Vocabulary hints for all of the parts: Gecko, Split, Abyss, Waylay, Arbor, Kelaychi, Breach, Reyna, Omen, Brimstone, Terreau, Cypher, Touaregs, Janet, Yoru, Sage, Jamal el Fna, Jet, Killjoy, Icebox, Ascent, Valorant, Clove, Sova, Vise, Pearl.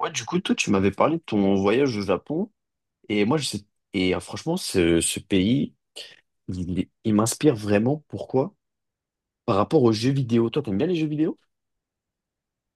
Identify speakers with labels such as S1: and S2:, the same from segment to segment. S1: Ouais, du coup, toi, tu m'avais parlé de ton voyage au Japon. Et moi, je sais. Franchement, ce pays, il m'inspire vraiment. Pourquoi? Par rapport aux jeux vidéo. Toi, t'aimes bien les jeux vidéo?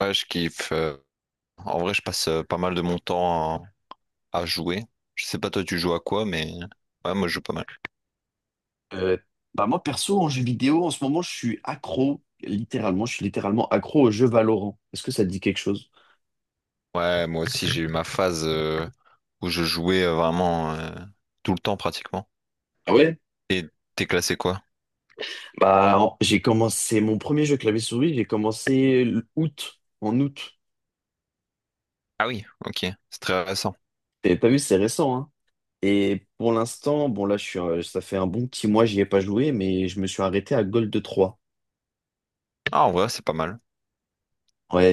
S2: Ouais, je kiffe. En vrai, je passe pas mal de mon temps à jouer. Je sais pas toi, tu joues à quoi, mais ouais, moi, je joue pas mal.
S1: Euh, Bah moi, perso, en jeux vidéo, en ce moment, je suis accro. Littéralement, je suis littéralement accro au jeu Valorant. Est-ce que ça te dit quelque chose?
S2: Ouais, moi aussi, j'ai eu ma phase où je jouais vraiment tout le temps pratiquement.
S1: Ah ouais?
S2: Et t'es classé quoi?
S1: J'ai commencé mon premier jeu clavier-souris, j'ai commencé en août.
S2: Ah oui, ok, c'est très récent.
S1: T'as vu, c'est récent, hein? Et pour l'instant, bon là, ça fait un bon petit mois, j'y ai pas joué, mais je me suis arrêté à Gold Trois.
S2: Ah, en vrai, c'est pas mal.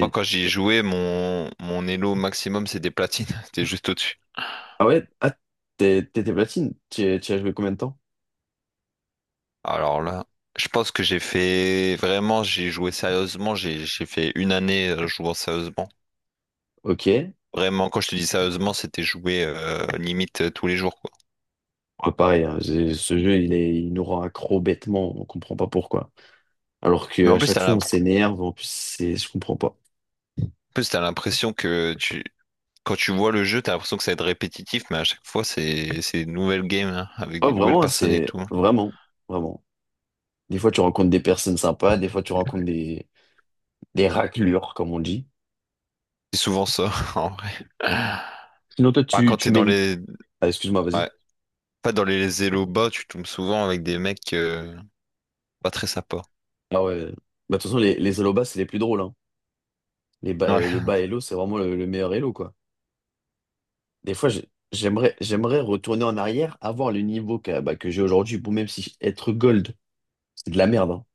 S2: Moi, quand j'y jouais, mon elo maximum, c'est des platines. T'es juste au-dessus.
S1: Ah ouais, ah, t'étais platine. Tu as joué combien de temps?
S2: Alors là, je pense que j'ai fait vraiment, j'ai joué sérieusement. J'ai fait une année jouant sérieusement.
S1: Ok. Ouais,
S2: Vraiment, quand je te dis sérieusement, c'était joué limite tous les jours, quoi.
S1: pareil, hein, ce jeu, il est, il nous rend accro bêtement, on comprend pas pourquoi. Alors
S2: Mais
S1: que à
S2: en plus,
S1: chaque fois, on
S2: en
S1: s'énerve, en plus, c'est, je comprends pas.
S2: plus, t'as l'impression que tu... quand tu vois le jeu, t'as l'impression que ça va être répétitif, mais à chaque fois, c'est des nouvelles games, hein, avec
S1: Oh,
S2: des nouvelles
S1: vraiment, hein,
S2: personnes et tout, hein.
S1: vraiment. Des fois, tu rencontres des personnes sympas, des fois, tu rencontres des raclures, comme on dit.
S2: C'est souvent ça, en vrai.
S1: Sinon, toi,
S2: Bah,
S1: tu,
S2: quand
S1: tu
S2: t'es dans
S1: mènes.
S2: les...
S1: Ah, excuse-moi, vas-y.
S2: ouais. Pas dans les élos bas, tu tombes souvent avec des mecs pas très sympas.
S1: Ah ouais. Bah, de toute façon, les Hello Bas, c'est les plus drôles. Hein.
S2: Ouais,
S1: Le
S2: enfin.
S1: bas Hello, c'est vraiment le meilleur Hello, quoi. Des fois, j'aimerais, j'aimerais retourner en arrière, avoir le niveau que, bah, que j'ai aujourd'hui. Bon, même si être gold, c'est de la merde. Hein.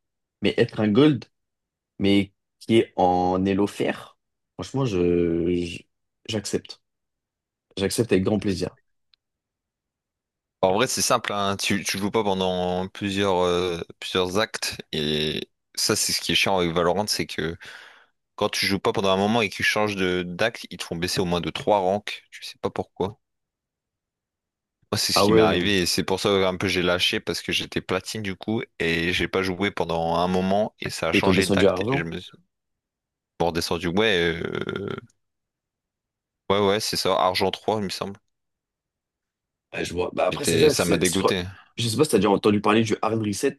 S1: Mais être un gold, mais qui est en Hello fer, franchement, j'accepte. J'accepte avec grand plaisir.
S2: En vrai, c'est simple, hein. Tu joues pas pendant plusieurs actes, et ça, c'est ce qui est chiant avec Valorant, c'est que quand tu joues pas pendant un moment et que tu changes de d'acte, ils te font baisser au moins de trois ranks. Tu sais pas pourquoi. Moi, c'est ce
S1: Ah
S2: qui m'est
S1: ouais.
S2: arrivé et c'est pour ça un peu j'ai lâché parce que j'étais platine du coup et j'ai pas joué pendant un moment et ça a
S1: Et ils t'ont
S2: changé
S1: descendu à
S2: d'acte et je
S1: argent?
S2: me suis bon, redescendu. Ouais, ouais, ouais, c'est ça, argent 3 il me semble.
S1: Ah, je vois. Bah après, c'est
S2: J'étais,
S1: ça,
S2: ça m'a dégoûté.
S1: je sais pas si t'as déjà entendu parler du hard reset.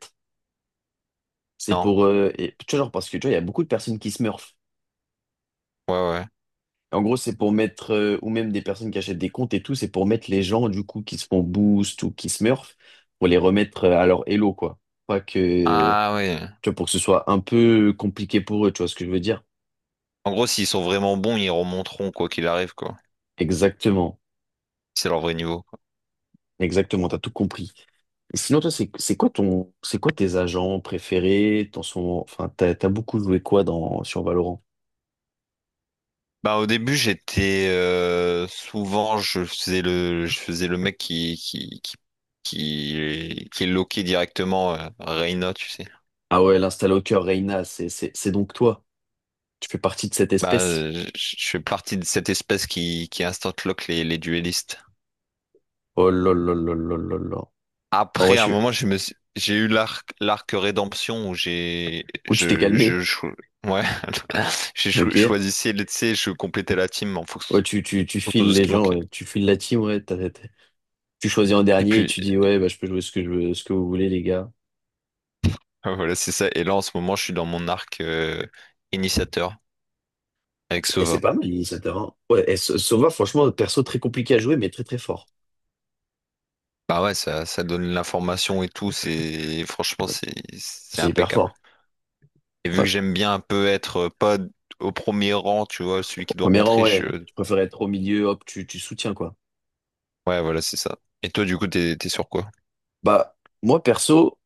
S2: Non,
S1: Tu vois, genre, parce que tu vois, il y a beaucoup de personnes qui smurfent.
S2: ouais, ouais.
S1: En gros, c'est pour mettre, ou même des personnes qui achètent des comptes et tout, c'est pour mettre les gens, du coup, qui se font boost ou qui smurf, pour les remettre à leur elo, quoi. Pas que,
S2: Ah, ouais.
S1: tu vois, pour que ce soit un peu compliqué pour eux, tu vois ce que je veux dire?
S2: En gros, s'ils sont vraiment bons, ils remonteront quoi qu'il arrive, quoi.
S1: Exactement.
S2: C'est leur vrai niveau.
S1: Exactement, t'as tout compris. Et sinon, toi, c'est quoi ton, c'est quoi tes agents préférés? T'en sont, enfin, t'as, T'as beaucoup joué quoi dans, sur Valorant?
S2: Bah au début j'étais souvent je faisais le mec qui est loqué directement Reyna, tu sais.
S1: Ah ouais, l'instalocker Reyna, c'est donc toi. Tu fais partie de cette
S2: Bah
S1: espèce.
S2: je fais partie de cette espèce qui instant lock les duellistes.
S1: Oh là là là là là là. Bon, ouais,
S2: Après à un moment j'ai eu l'arc rédemption où j'ai
S1: Ou tu t'es calmé.
S2: je, cho- ouais
S1: Ok.
S2: choisissais, tu sais, je complétais la team en
S1: Ouais,
S2: fonction
S1: tu
S2: autour
S1: files
S2: de ce
S1: les
S2: qui
S1: gens,
S2: manquait.
S1: ouais. Tu files la team, ouais. Tu choisis en
S2: Et
S1: dernier et
S2: puis
S1: tu dis, ouais, bah, je peux jouer ce que je veux, ce que vous voulez, les gars.
S2: voilà c'est ça, et là en ce moment je suis dans mon arc initiateur. Avec
S1: Et c'est
S2: Sova.
S1: pas mal, l'initiateur. Hein. Ouais, et Sova, franchement, perso très compliqué à jouer, mais très très fort.
S2: Bah ouais, ça donne l'information et tout, c'est franchement c'est
S1: C'est hyper
S2: impeccable.
S1: fort.
S2: Et vu que
S1: Ouais.
S2: j'aime bien un peu être pas au premier rang, tu vois, celui
S1: Au
S2: qui doit
S1: premier rang,
S2: rentrer,
S1: ouais.
S2: je...
S1: Tu préfères être au milieu, hop, tu soutiens, quoi.
S2: Ouais, voilà, c'est ça. Et toi, du coup, t'es sur quoi?
S1: Bah, moi perso,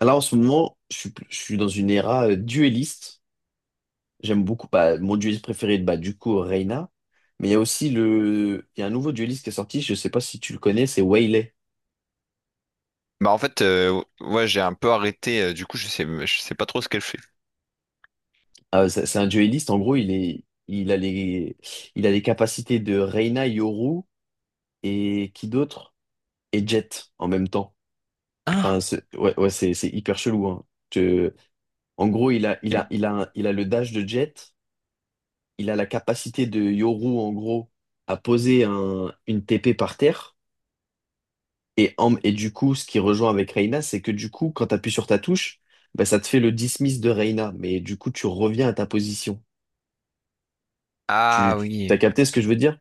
S1: là en ce moment, je suis dans une era dueliste. J'aime beaucoup, bah, mon dueliste préféré, bah, du coup, Reyna. Mais il y a aussi le, il y a un nouveau dueliste qui est sorti, je sais pas si tu le connais, c'est Waylay.
S2: Bah en fait, ouais, j'ai un peu arrêté, du coup, je sais pas trop ce qu'elle fait.
S1: Ah, ouais, c'est un duelliste, en gros, il a les capacités de Reina, Yoru et qui d'autre? Et Jet en même temps.
S2: Ah,
S1: Enfin, ouais, ouais, c'est hyper chelou, hein. Je- En gros,
S2: Il-
S1: il a le dash de Jet, il a la capacité de Yoru, en gros, à poser une TP par terre. Et, et du coup, ce qui rejoint avec Reina, c'est que du coup, quand tu appuies sur ta touche, bah, ça te fait le dismiss de Reina. Mais du coup, tu reviens à ta position.
S2: ah
S1: T'as
S2: oui.
S1: capté ce que je veux dire?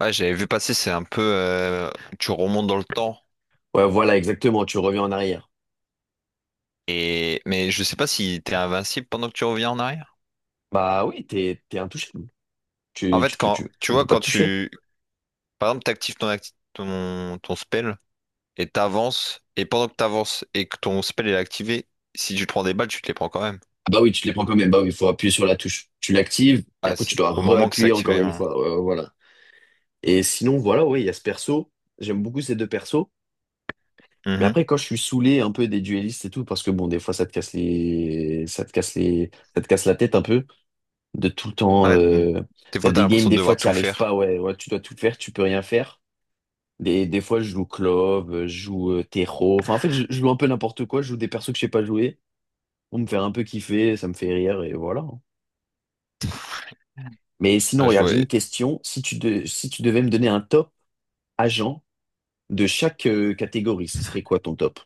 S2: Ouais, j'avais vu passer. C'est un peu, tu remontes dans le temps.
S1: Ouais, voilà, exactement, tu reviens en arrière.
S2: Et mais je sais pas si t'es invincible pendant que tu reviens en arrière.
S1: Bah oui, t'es intouchable.
S2: En fait,
S1: On peut pas
S2: quand
S1: te toucher.
S2: tu, par exemple, ton spell et t'avances et pendant que t'avances et que ton spell est activé, si tu te prends des balles, tu te les prends quand même.
S1: Ah bah oui, tu les prends quand même. Bah oui, il faut appuyer sur la touche. Tu l'actives, et
S2: Ah,
S1: après tu
S2: c'est
S1: dois
S2: au moment que c'est
S1: réappuyer encore
S2: activé,
S1: une
S2: hein.
S1: fois. Voilà. Et sinon, voilà, oui, il y a ce perso. J'aime beaucoup ces deux persos. Mais
S2: Mhm.
S1: après, quand je suis saoulé un peu des duellistes et tout, parce que bon, des fois, ça te casse la tête un peu de tout le temps.
S2: Ouais, d- des
S1: T'as
S2: fois, t'as
S1: des games,
S2: l'impression de
S1: des fois,
S2: devoir
S1: tu n'y
S2: tout
S1: arrives pas.
S2: faire.
S1: Ouais, ouais, tu dois tout faire, tu peux rien faire. Des fois, je joue Clove, je joue Terreau. Enfin, en fait, je joue un peu n'importe quoi. Je joue des persos que je sais pas jouer pour me faire un peu kiffer. Ça me fait rire et voilà. Mais sinon,
S2: Ah, je
S1: regarde,
S2: vois.
S1: j'ai une question. Si tu devais me donner un top agent de chaque catégorie, ce serait quoi ton top?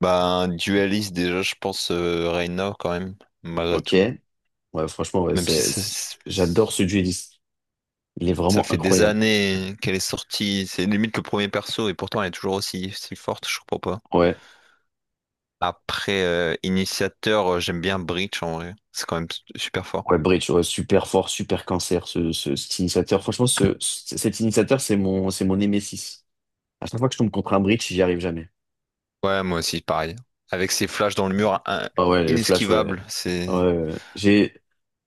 S2: Bah, un dualiste, déjà, je pense Reina, quand même, malgré
S1: Ok.
S2: tout.
S1: Ouais, franchement, ouais,
S2: Même si ça,
S1: j'adore ce dueliste. Il est
S2: ça
S1: vraiment
S2: fait des
S1: incroyable.
S2: années qu'elle est sortie, c'est limite le premier perso, et pourtant elle est toujours aussi, si forte, je comprends pas.
S1: Ouais.
S2: Après, initiateur, j'aime bien Breach en vrai. C'est quand même super fort.
S1: Ouais, Breach, ouais, super fort, super cancer, cet initiateur. Franchement, cet initiateur, c'est mon némésis. À chaque fois que je tombe contre un Breach, j'y arrive jamais.
S2: Ouais, moi aussi, pareil. Avec ses flashs dans le mur,
S1: Ah ouais, les flashs, ouais.
S2: inesquivable,
S1: Ouais,
S2: c'est.
S1: ouais. ouais. J'ai,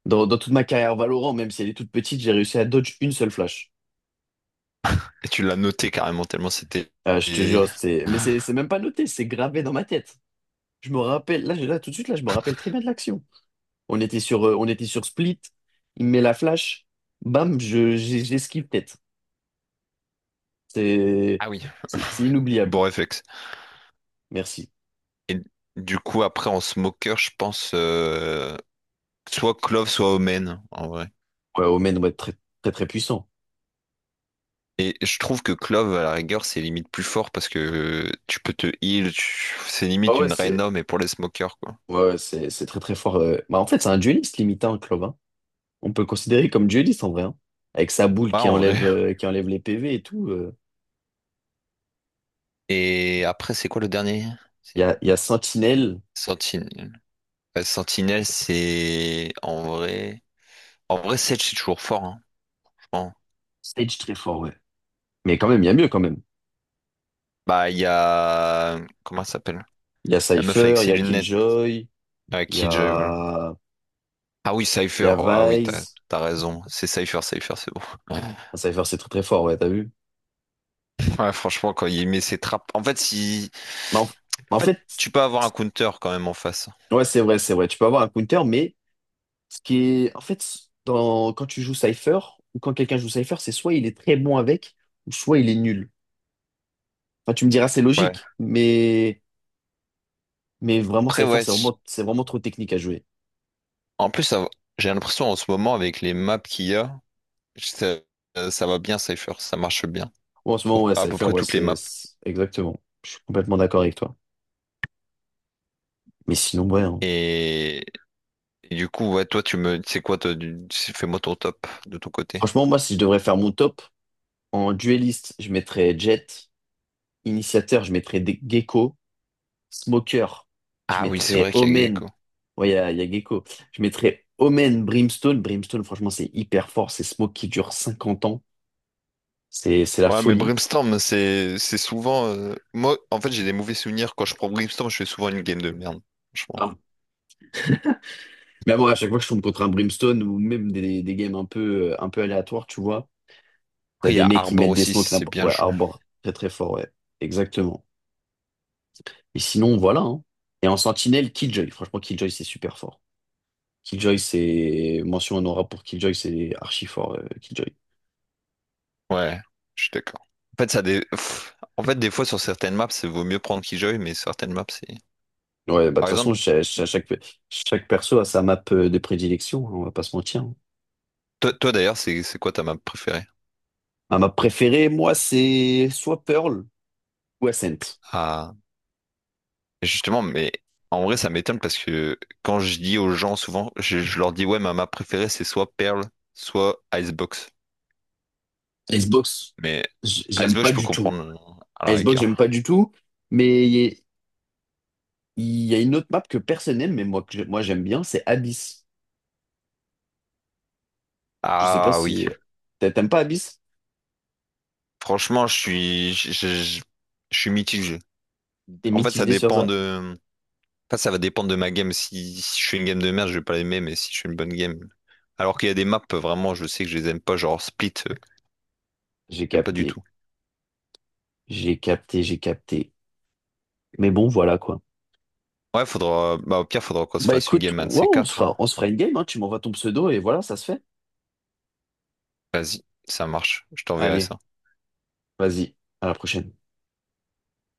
S1: dans, Dans toute ma carrière Valorant, même si elle est toute petite, j'ai réussi à dodge une seule flash.
S2: Et tu l'as noté carrément, tellement c'était.
S1: Ah, je te
S2: et-
S1: jure, mais c'est même pas noté, c'est gravé dans ma tête. Je me rappelle, là, tout de suite, là, je me rappelle très bien de l'action. On était sur Split, il me met la flash, bam, j'esquive tête. C'est,
S2: Ah oui,
S1: c'est inoubliable.
S2: bon réflexe.
S1: Merci.
S2: Et du coup, après, en smoker, je pense, soit Clove, soit Omen, en vrai.
S1: Ouais, Omen doit être très, très, très puissant.
S2: Et je trouve que Clove, à la rigueur, c'est limite plus fort parce que tu peux te heal, c'est
S1: Ah
S2: limite
S1: ouais,
S2: une
S1: c'est,
S2: Rhino, mais pour les smokers, quoi.
S1: ouais, ouais, c'est très, très fort. Bah, en fait, c'est un dueliste limite, hein, Clove, hein. On peut le considérer comme dueliste en vrai, hein. Avec sa boule
S2: Ouais, en vrai.
S1: qui enlève les PV et tout.
S2: Et après, c'est quoi le dernier? C'est
S1: Il y a Sentinel,
S2: Sentinelle. Ouais, Sentinelle, c'est en vrai. En vrai, Sage, c'est toujours fort, hein, je pense.
S1: Sage très fort, ouais. Mais quand même, il y a mieux quand même.
S2: Bah, il y a. Comment elle s'appelle?
S1: Il y a
S2: La meuf avec
S1: Cypher, il y
S2: ses
S1: a
S2: lunettes.
S1: Killjoy,
S2: Ah,
S1: il y
S2: Killjoy, voilà.
S1: a,
S2: Ah oui,
S1: il y
S2: Cypher.
S1: a
S2: Ah oui,
S1: Vise.
S2: t'as raison. C'est Cypher, Cypher, c'est bon.
S1: Ah, Cypher, c'est très très fort, ouais, t'as vu?
S2: Ouais, franchement, quand il met ses trappes. En fait, si.
S1: Mais en,
S2: En
S1: En
S2: fait,
S1: fait,
S2: tu peux avoir un counter quand même en face.
S1: ouais, c'est vrai. Tu peux avoir un counter, mais ce qui est. En fait, quand tu joues Cypher, ou quand quelqu'un joue Cypher, c'est soit il est très bon avec, ou soit il est nul. Enfin, tu me diras, c'est
S2: Ouais.
S1: logique, mais. Mais vraiment,
S2: Après,
S1: Cypher,
S2: ouais,
S1: c'est vraiment trop technique à jouer.
S2: en plus, j'ai l'impression en ce moment, avec les maps qu'il y a, ça, ça va bien, Cypher. Ça marche bien.
S1: Ouais, en ce
S2: Sur
S1: moment, ouais,
S2: à peu
S1: Cypher,
S2: près
S1: ouais,
S2: toutes les maps.
S1: exactement. Je suis complètement d'accord avec toi. Mais sinon, ouais. Hein.
S2: Et, et du coup, ouais, toi, tu me. C'est quoi, toi, fais-moi ton top de ton côté.
S1: Franchement, moi, si je devrais faire mon top, en dueliste, je mettrais Jett. Initiateur, je mettrais Gecko. Smoker, je
S2: Ah oui, c'est
S1: mettrais
S2: vrai qu'il y a
S1: Omen.
S2: Gecko.
S1: Ouais, il y a Gecko. Je mettrais Omen, Brimstone. Brimstone, franchement, c'est hyper fort. C'est Smoke qui dure 50 ans. C'est la
S2: Ouais, mais
S1: folie.
S2: Brimstone, c'est souvent, moi, en fait, j'ai des mauvais souvenirs. Quand je prends Brimstone, je fais souvent une game de merde. Franchement.
S1: Ah. Mais bon, à chaque fois que je tombe contre un Brimstone ou même des, un peu aléatoires, tu vois. T'as
S2: Après, il y
S1: des
S2: a
S1: mecs qui
S2: Arbor
S1: mettent des
S2: aussi, si
S1: smokes
S2: c'est
S1: n'importe-
S2: bien
S1: Ouais,
S2: joué.
S1: Arbor, très très fort, ouais. Exactement. Et sinon, voilà. Hein. Et en sentinelle, Killjoy. Franchement, Killjoy, c'est super fort. Killjoy, c'est... Mention honorable pour Killjoy, c'est archi fort, Killjoy.
S2: Ouais, je suis d'accord. En fait, pff, en fait, des fois, sur certaines maps, c'est vaut mieux prendre Killjoy, mais certaines maps, c'est...
S1: Ouais, bah de toute
S2: Par
S1: façon,
S2: exemple,
S1: chaque perso a sa map de prédilection, hein, on va pas se mentir. Hein.
S2: toi, d'ailleurs, c'est quoi ta map préférée?
S1: Ma map préférée, moi, c'est soit Pearl ou Ascent.
S2: Ah, justement, mais en vrai, ça m'étonne parce que quand je dis aux gens, souvent, je leur dis, ouais, ma map préférée, c'est soit Pearl, soit Icebox.
S1: Icebox,
S2: Mais
S1: j'aime
S2: Icebox,
S1: pas
S2: je peux
S1: du tout.
S2: comprendre à la
S1: Icebox, j'aime pas
S2: rigueur.
S1: du tout, mais il y a une autre map que personne n'aime, mais moi, moi j'aime bien, c'est Abyss. Je sais pas
S2: Ah oui,
S1: si t'aimes pas Abyss?
S2: franchement, je suis... Je je suis mitigé.
S1: T'es
S2: En fait, ça
S1: mitigé sur
S2: dépend
S1: ça?
S2: de. Enfin, ça va dépendre de ma game. Si, si je fais une game de merde, je vais pas l'aimer, mais si je fais une bonne game. Alors qu'il y a des maps, vraiment, je sais que je les aime pas, genre Split,
S1: J'ai
S2: j'aime pas du
S1: capté,
S2: tout.
S1: j'ai capté. Mais bon, voilà quoi.
S2: Ouais, faudra. Bah, au pire, faudra qu'on se
S1: Bah
S2: fasse une
S1: écoute,
S2: game un de
S1: ouais,
S2: ces quatre, hein.
S1: on se fera une game, hein. Tu m'envoies ton pseudo et voilà, ça se fait.
S2: Vas-y, ça marche. Je t'enverrai
S1: Allez,
S2: ça.
S1: vas-y, à la prochaine.